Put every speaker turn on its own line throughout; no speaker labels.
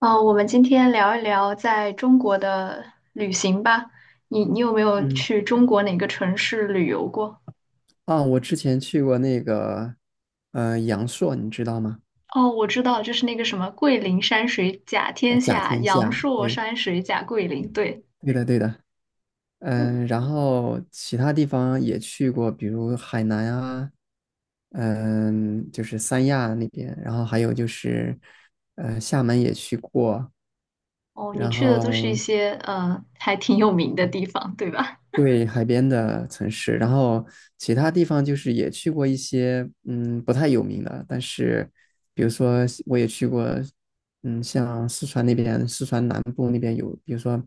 我们今天聊一聊在中国的旅行吧。你有没有
嗯，
去中国哪个城市旅游过？
啊，我之前去过那个，阳朔，你知道吗？
哦，我知道，就是那个什么桂林山水甲天
甲
下，
天
阳
下，
朔
对，
山水甲桂林。对，
对的，对的。
嗯，
然后其他地方也去过，比如海南啊，就是三亚那边。然后还有就是，厦门也去过。
哦，你
然
去的都是一
后
些还挺有名的地方，对吧？
对，海边的城市。然后其他地方就是也去过一些，不太有名的，但是比如说我也去过。像四川那边，四川南部那边有，比如说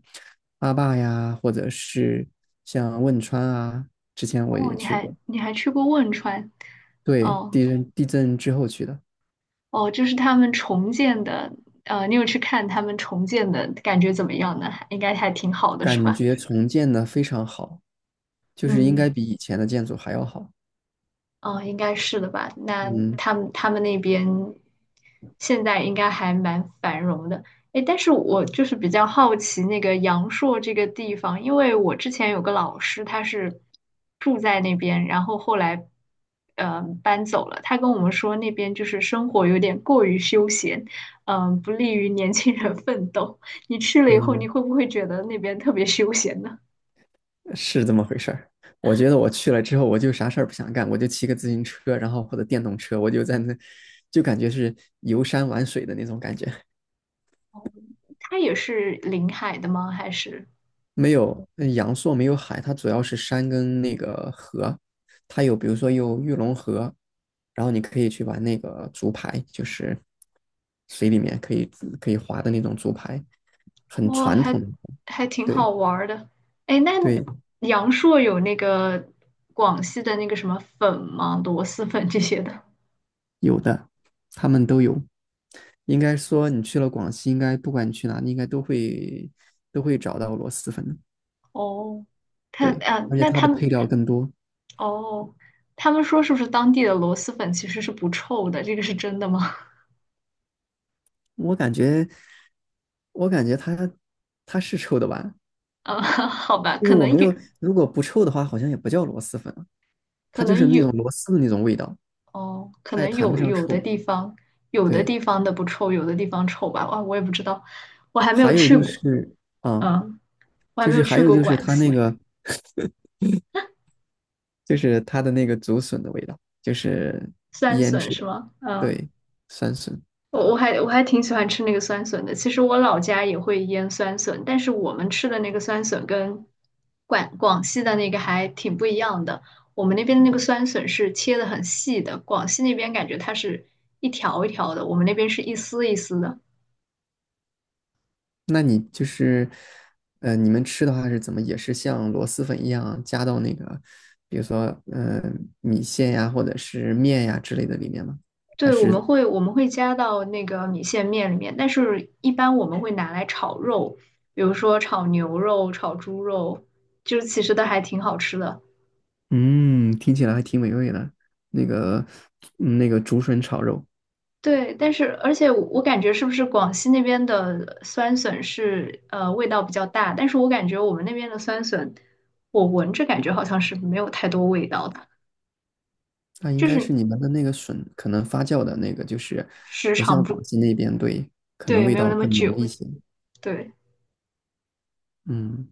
阿坝呀，或者是像汶川啊，之前我
哦，
也
你
去
还
过。
你还去过汶川？
对，
哦
地震之后去的。
哦，就是他们重建的。你有去看他们重建的感觉怎么样呢？应该还挺好的，是
感
吧？
觉重建的非常好，就是应该
嗯。
比以前的建筑还要好。
哦，应该是的吧？那
嗯
他们那边现在应该还蛮繁荣的。诶，但是我就是比较好奇那个阳朔这个地方，因为我之前有个老师，他是住在那边，然后后来搬走了。他跟我们说那边就是生活有点过于休闲，不利于年轻人奋斗。你去了以后，你
嗯。
会不会觉得那边特别休闲呢？
是这么回事儿。我觉得我去了之后，我就啥事儿不想干，我就骑个自行车，然后或者电动车，我就在那，就感觉是游山玩水的那种感觉。
他也是临海的吗？还是？
没有，阳朔没有海，它主要是山跟那个河。它有，比如说有玉龙河，然后你可以去玩那个竹排，就是水里面可以划的那种竹排，很
哇，
传
还
统的。
还挺好
对
玩儿的。哎，那
对，
阳朔有那个广西的那个什么粉吗？螺蛳粉这些的。
有的，他们都有。应该说你去了广西，应该不管你去哪里，应该都会找到螺蛳粉。
哦，
对，
他啊，
而且
那
它
他
的配
们
料更多。
哦，他们说是不是当地的螺蛳粉其实是不臭的？这个是真的吗？
我感觉，我感觉它是臭的吧？
啊，好吧，
就是
可
我
能
没有，
有，
如果不臭的话，好像也不叫螺蛳粉了。
可
它就是
能
那种
有，
螺丝的那种味道，
哦，可
它也
能
谈不
有
上臭。
有的
对，
地方的不臭，有的地方臭吧。哇，我也不知道，我还没有
还有
去
就
过。
是啊，
嗯，我还
就
没
是
有
还
去
有
过
就是
广
它那
西。
个，就是它的那个竹笋的味道，就是
酸
腌
笋
制
是
的。
吗？嗯。
对，酸笋。
我还挺喜欢吃那个酸笋的。其实我老家也会腌酸笋，但是我们吃的那个酸笋跟广西的那个还挺不一样的。我们那边的那个酸笋是切的很细的，广西那边感觉它是一条一条的，我们那边是一丝一丝的。
那你就是，你们吃的话是怎么，也是像螺蛳粉一样加到那个，比如说，呃，米线呀，或者是面呀之类的里面吗？还
对，我们
是，
会我们会加到那个米线面里面，但是一般我们会拿来炒肉，比如说炒牛肉、炒猪肉，就是其实都还挺好吃的。
嗯，听起来还挺美味的。那个，那个竹笋炒肉。
对，但是而且我感觉是不是广西那边的酸笋是味道比较大，但是我感觉我们那边的酸笋，我闻着感觉好像是没有太多味道的，
那应
就
该是
是
你们的那个笋可能发酵的那个，就是
时
不
长
像广
不
西那边。对，可能
对，
味
没有
道
那么
更浓
久。
一些。
对，
嗯，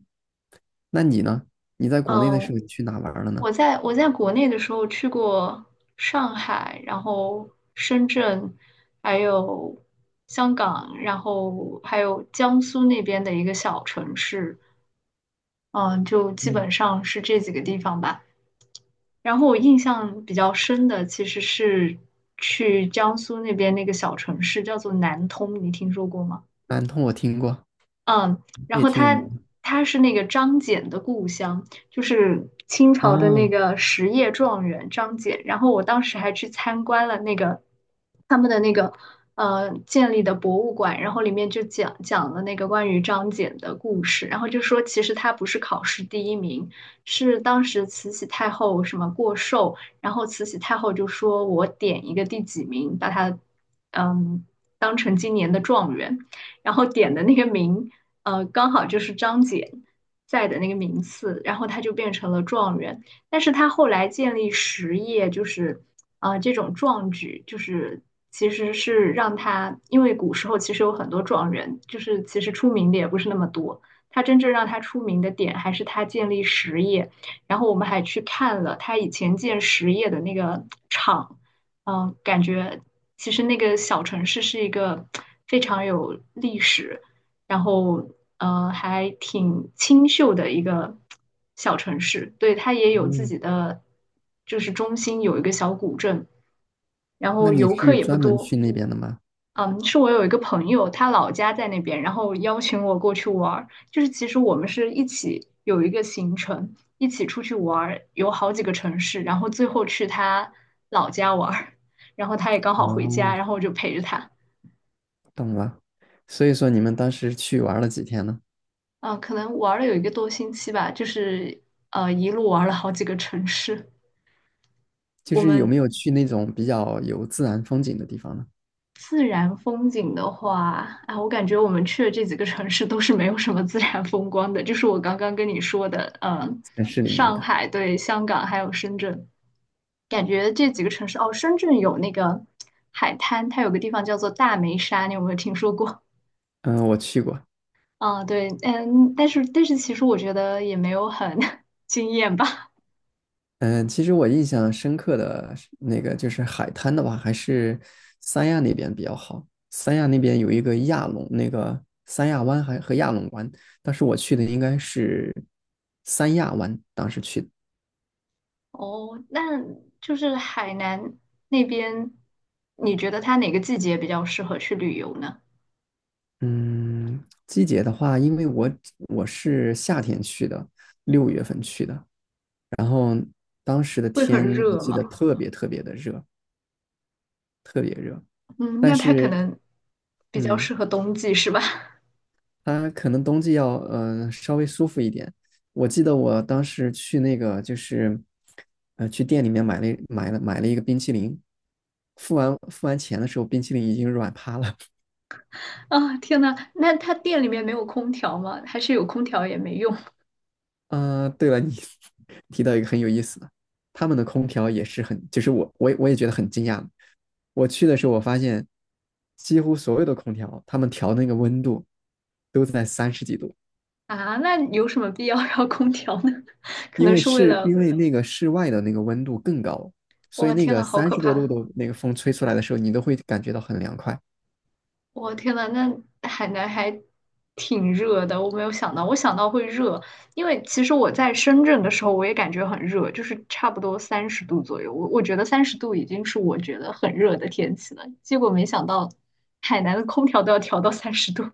那你呢？你在国内的时
嗯、
候去哪玩了呢？
我在国内的时候去过上海，然后深圳，还有香港，然后还有江苏那边的一个小城市，嗯、就基
嗯，
本上是这几个地方吧。然后我印象比较深的其实是去江苏那边那个小城市，叫做南通，你听说过吗？
南通我听过，
嗯，然
也
后
挺有名
他
的。
他是那个张謇的故乡，就是清朝的那
啊，
个实业状元张謇。然后我当时还去参观了那个他们的那个建立的博物馆，然后里面就讲了那个关于张謇的故事，然后就说其实他不是考试第一名，是当时慈禧太后什么过寿，然后慈禧太后就说我点一个第几名，把他嗯当成今年的状元。然后点的那个名，刚好就是张謇在的那个名次，然后他就变成了状元。但是他后来建立实业，就是这种壮举，就是其实是让他，因为古时候其实有很多状元，就是其实出名的也不是那么多。他真正让他出名的点还是他建立实业，然后我们还去看了他以前建实业的那个厂。感觉其实那个小城市是一个非常有历史，然后还挺清秀的一个小城市。对，它也有自
嗯，
己的，就是中心有一个小古镇，然
那
后
你
游客
是
也不
专门
多。
去那边的吗？
嗯，是我有一个朋友，他老家在那边，然后邀请我过去玩儿。就是其实我们是一起有一个行程，一起出去玩儿，有好几个城市，然后最后去他老家玩儿，然后他也刚好回家，
哦，
然后我就陪着他。
懂了。所以说你们当时去玩了几天呢？
嗯，可能玩了有一个多星期吧，就是一路玩了好几个城市。
就
我
是有
们
没有去那种比较有自然风景的地方呢？
自然风景的话，啊，我感觉我们去的这几个城市都是没有什么自然风光的，就是我刚刚跟你说的，
城市里面
上
的。
海、对，香港还有深圳，感觉这几个城市，哦，深圳有那个海滩，它有个地方叫做大梅沙，你有没有听说过？
嗯，我去过。
啊，对，但是其实我觉得也没有很 惊艳吧。
嗯，其实我印象深刻的是那个，就是海滩的话，还是三亚那边比较好。三亚那边有一个亚龙，那个三亚湾还和亚龙湾，当时我去的应该是三亚湾，当时去的。
哦，那就是海南那边，你觉得它哪个季节比较适合去旅游呢？
嗯，季节的话，因为我是夏天去的，6月份去的。然后当时的
会很
天我
热
记得
吗？
特别特别的热，
嗯，
但
那它可
是
能比较
嗯，
适合冬季是吧？
它可能冬季要稍微舒服一点。我记得我当时去那个，就是去店里面买了一个冰淇淋，付完钱的时候，冰淇淋已经软趴了。
啊，天呐，那它店里面没有空调吗？还是有空调也没用
啊，对了，你 提到一个很有意思的。他们的空调也是很，就是我也觉得很惊讶。我去的时候，我发现几乎所有的空调，他们调那个温度都在三十几度，
啊？那有什么必要要空调呢？可
因
能
为
是为
是因
了，
为那个室外的那个温度更高，所以
哇，
那
天
个
呐，好
三
可
十多
怕！
度的那个风吹出来的时候，你都会感觉到很凉快。
我天呐，那海南还挺热的，我没有想到，我想到会热，因为其实我在深圳的时候我也感觉很热，就是差不多三十度左右，我觉得三十度已经是我觉得很热的天气了，结果没想到海南的空调都要调到三十度。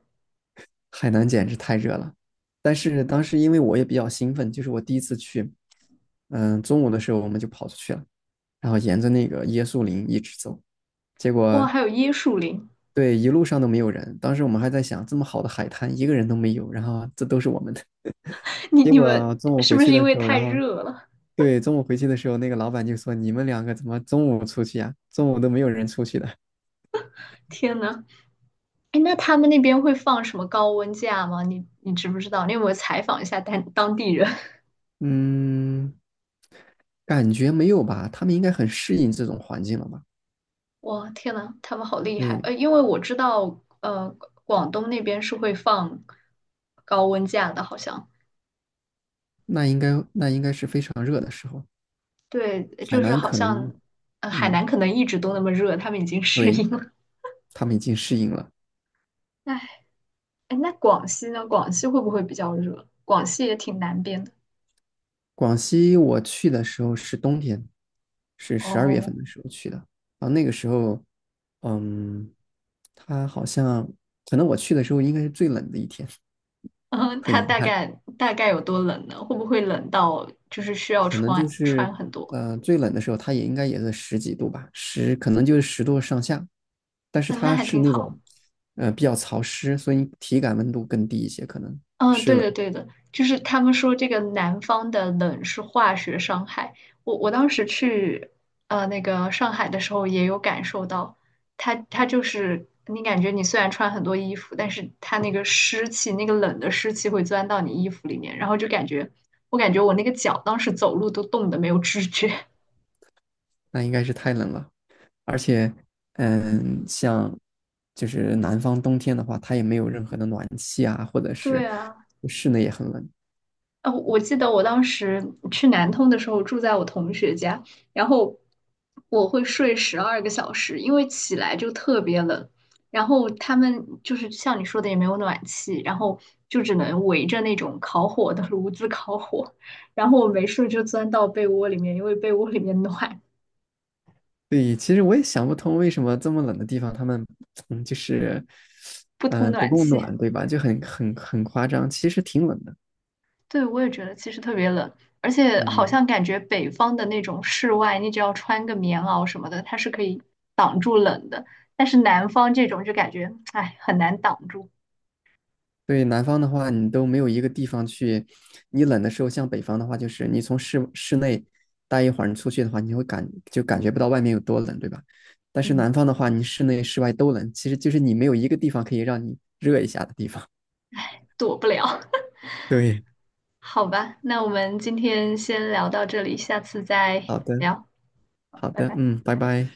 海南简直太热了，但是当时因为我也比较兴奋，就是我第一次去，中午的时候我们就跑出去了。然后沿着那个椰树林一直走，结
哇，
果
还有椰树林，
对，一路上都没有人。当时我们还在想，这么好的海滩，一个人都没有，然后这都是我们的。
你
结
你
果
们
中午
是
回
不
去
是因
的
为
时候，
太
然后
热了？
对，中午回去的时候，那个老板就说：“你们两个怎么中午出去呀、中午都没有人出去的。”
天呐，哎，那他们那边会放什么高温假吗？你知不知道？你有没有采访一下当地人？
嗯，感觉没有吧？他们应该很适应这种环境了吧？
哇，天呐，他们好厉害！
对，
因为我知道，广东那边是会放高温假的，好像
那应该是非常热的时候，
对，
海
就是
南
好
可能，
像海
嗯，
南可能一直都那么热，他们已经适
对，
应了。
他们已经适应了。
哎，哎，那广西呢？广西会不会比较热？广西也挺南边的
广西我去的时候是冬天，是十二月
哦。
份的时候去的。然后那个时候，嗯，它好像可能我去的时候应该是最冷的一天。
嗯，
很
它
遗
大
憾。
概大概有多冷呢？会不会冷到就是需要
可能就
穿
是
穿很多？
最冷的时候，它也应该也是十几度吧，十可能就是10度上下，但是
嗯，那
它
还
是
挺
那
好。
种比较潮湿，所以体感温度更低一些，可能
嗯，对的对的，就是他们说这个南方的冷是化学伤害。我当时去那个上海的时候也有感受到，它就是你感觉你虽然穿很多衣服，但是它那个湿气，那个冷的湿气会钻到你衣服里面，然后就感觉我感觉我那个脚当时走路都冻得没有知觉。
那应该是太冷了。而且，像，就是南方冬天的话，它也没有任何的暖气啊，或者
对
是
啊。
室内也很冷。
哦，我记得我当时去南通的时候住在我同学家，然后我会睡十二个小时，因为起来就特别冷。然后他们就是像你说的也没有暖气，然后就只能围着那种烤火的炉子烤火。然后我没事就钻到被窝里面，因为被窝里面暖，
对，其实我也想不通为什么这么冷的地方，他们就是
不通
不
暖
够
气。
暖，对吧？就很很很夸张，其实挺冷的。
对，我也觉得其实特别冷，而且好
嗯。
像感觉北方的那种室外，你只要穿个棉袄什么的，它是可以挡住冷的。但是南方这种就感觉，哎，很难挡住，
对，南方的话，你都没有一个地方去。你冷的时候，像北方的话，就是你从室内待一会儿，你出去的话，你会就感觉不到外面有多冷，对吧？但是
嗯，
南方的话，你室内室外都冷，其实就是你没有一个地方可以让你热一下的地方。
躲不了。
对，
好吧，那我们今天先聊到这里，下次再
好的，
聊，
好
拜
的，
拜。
嗯，拜拜。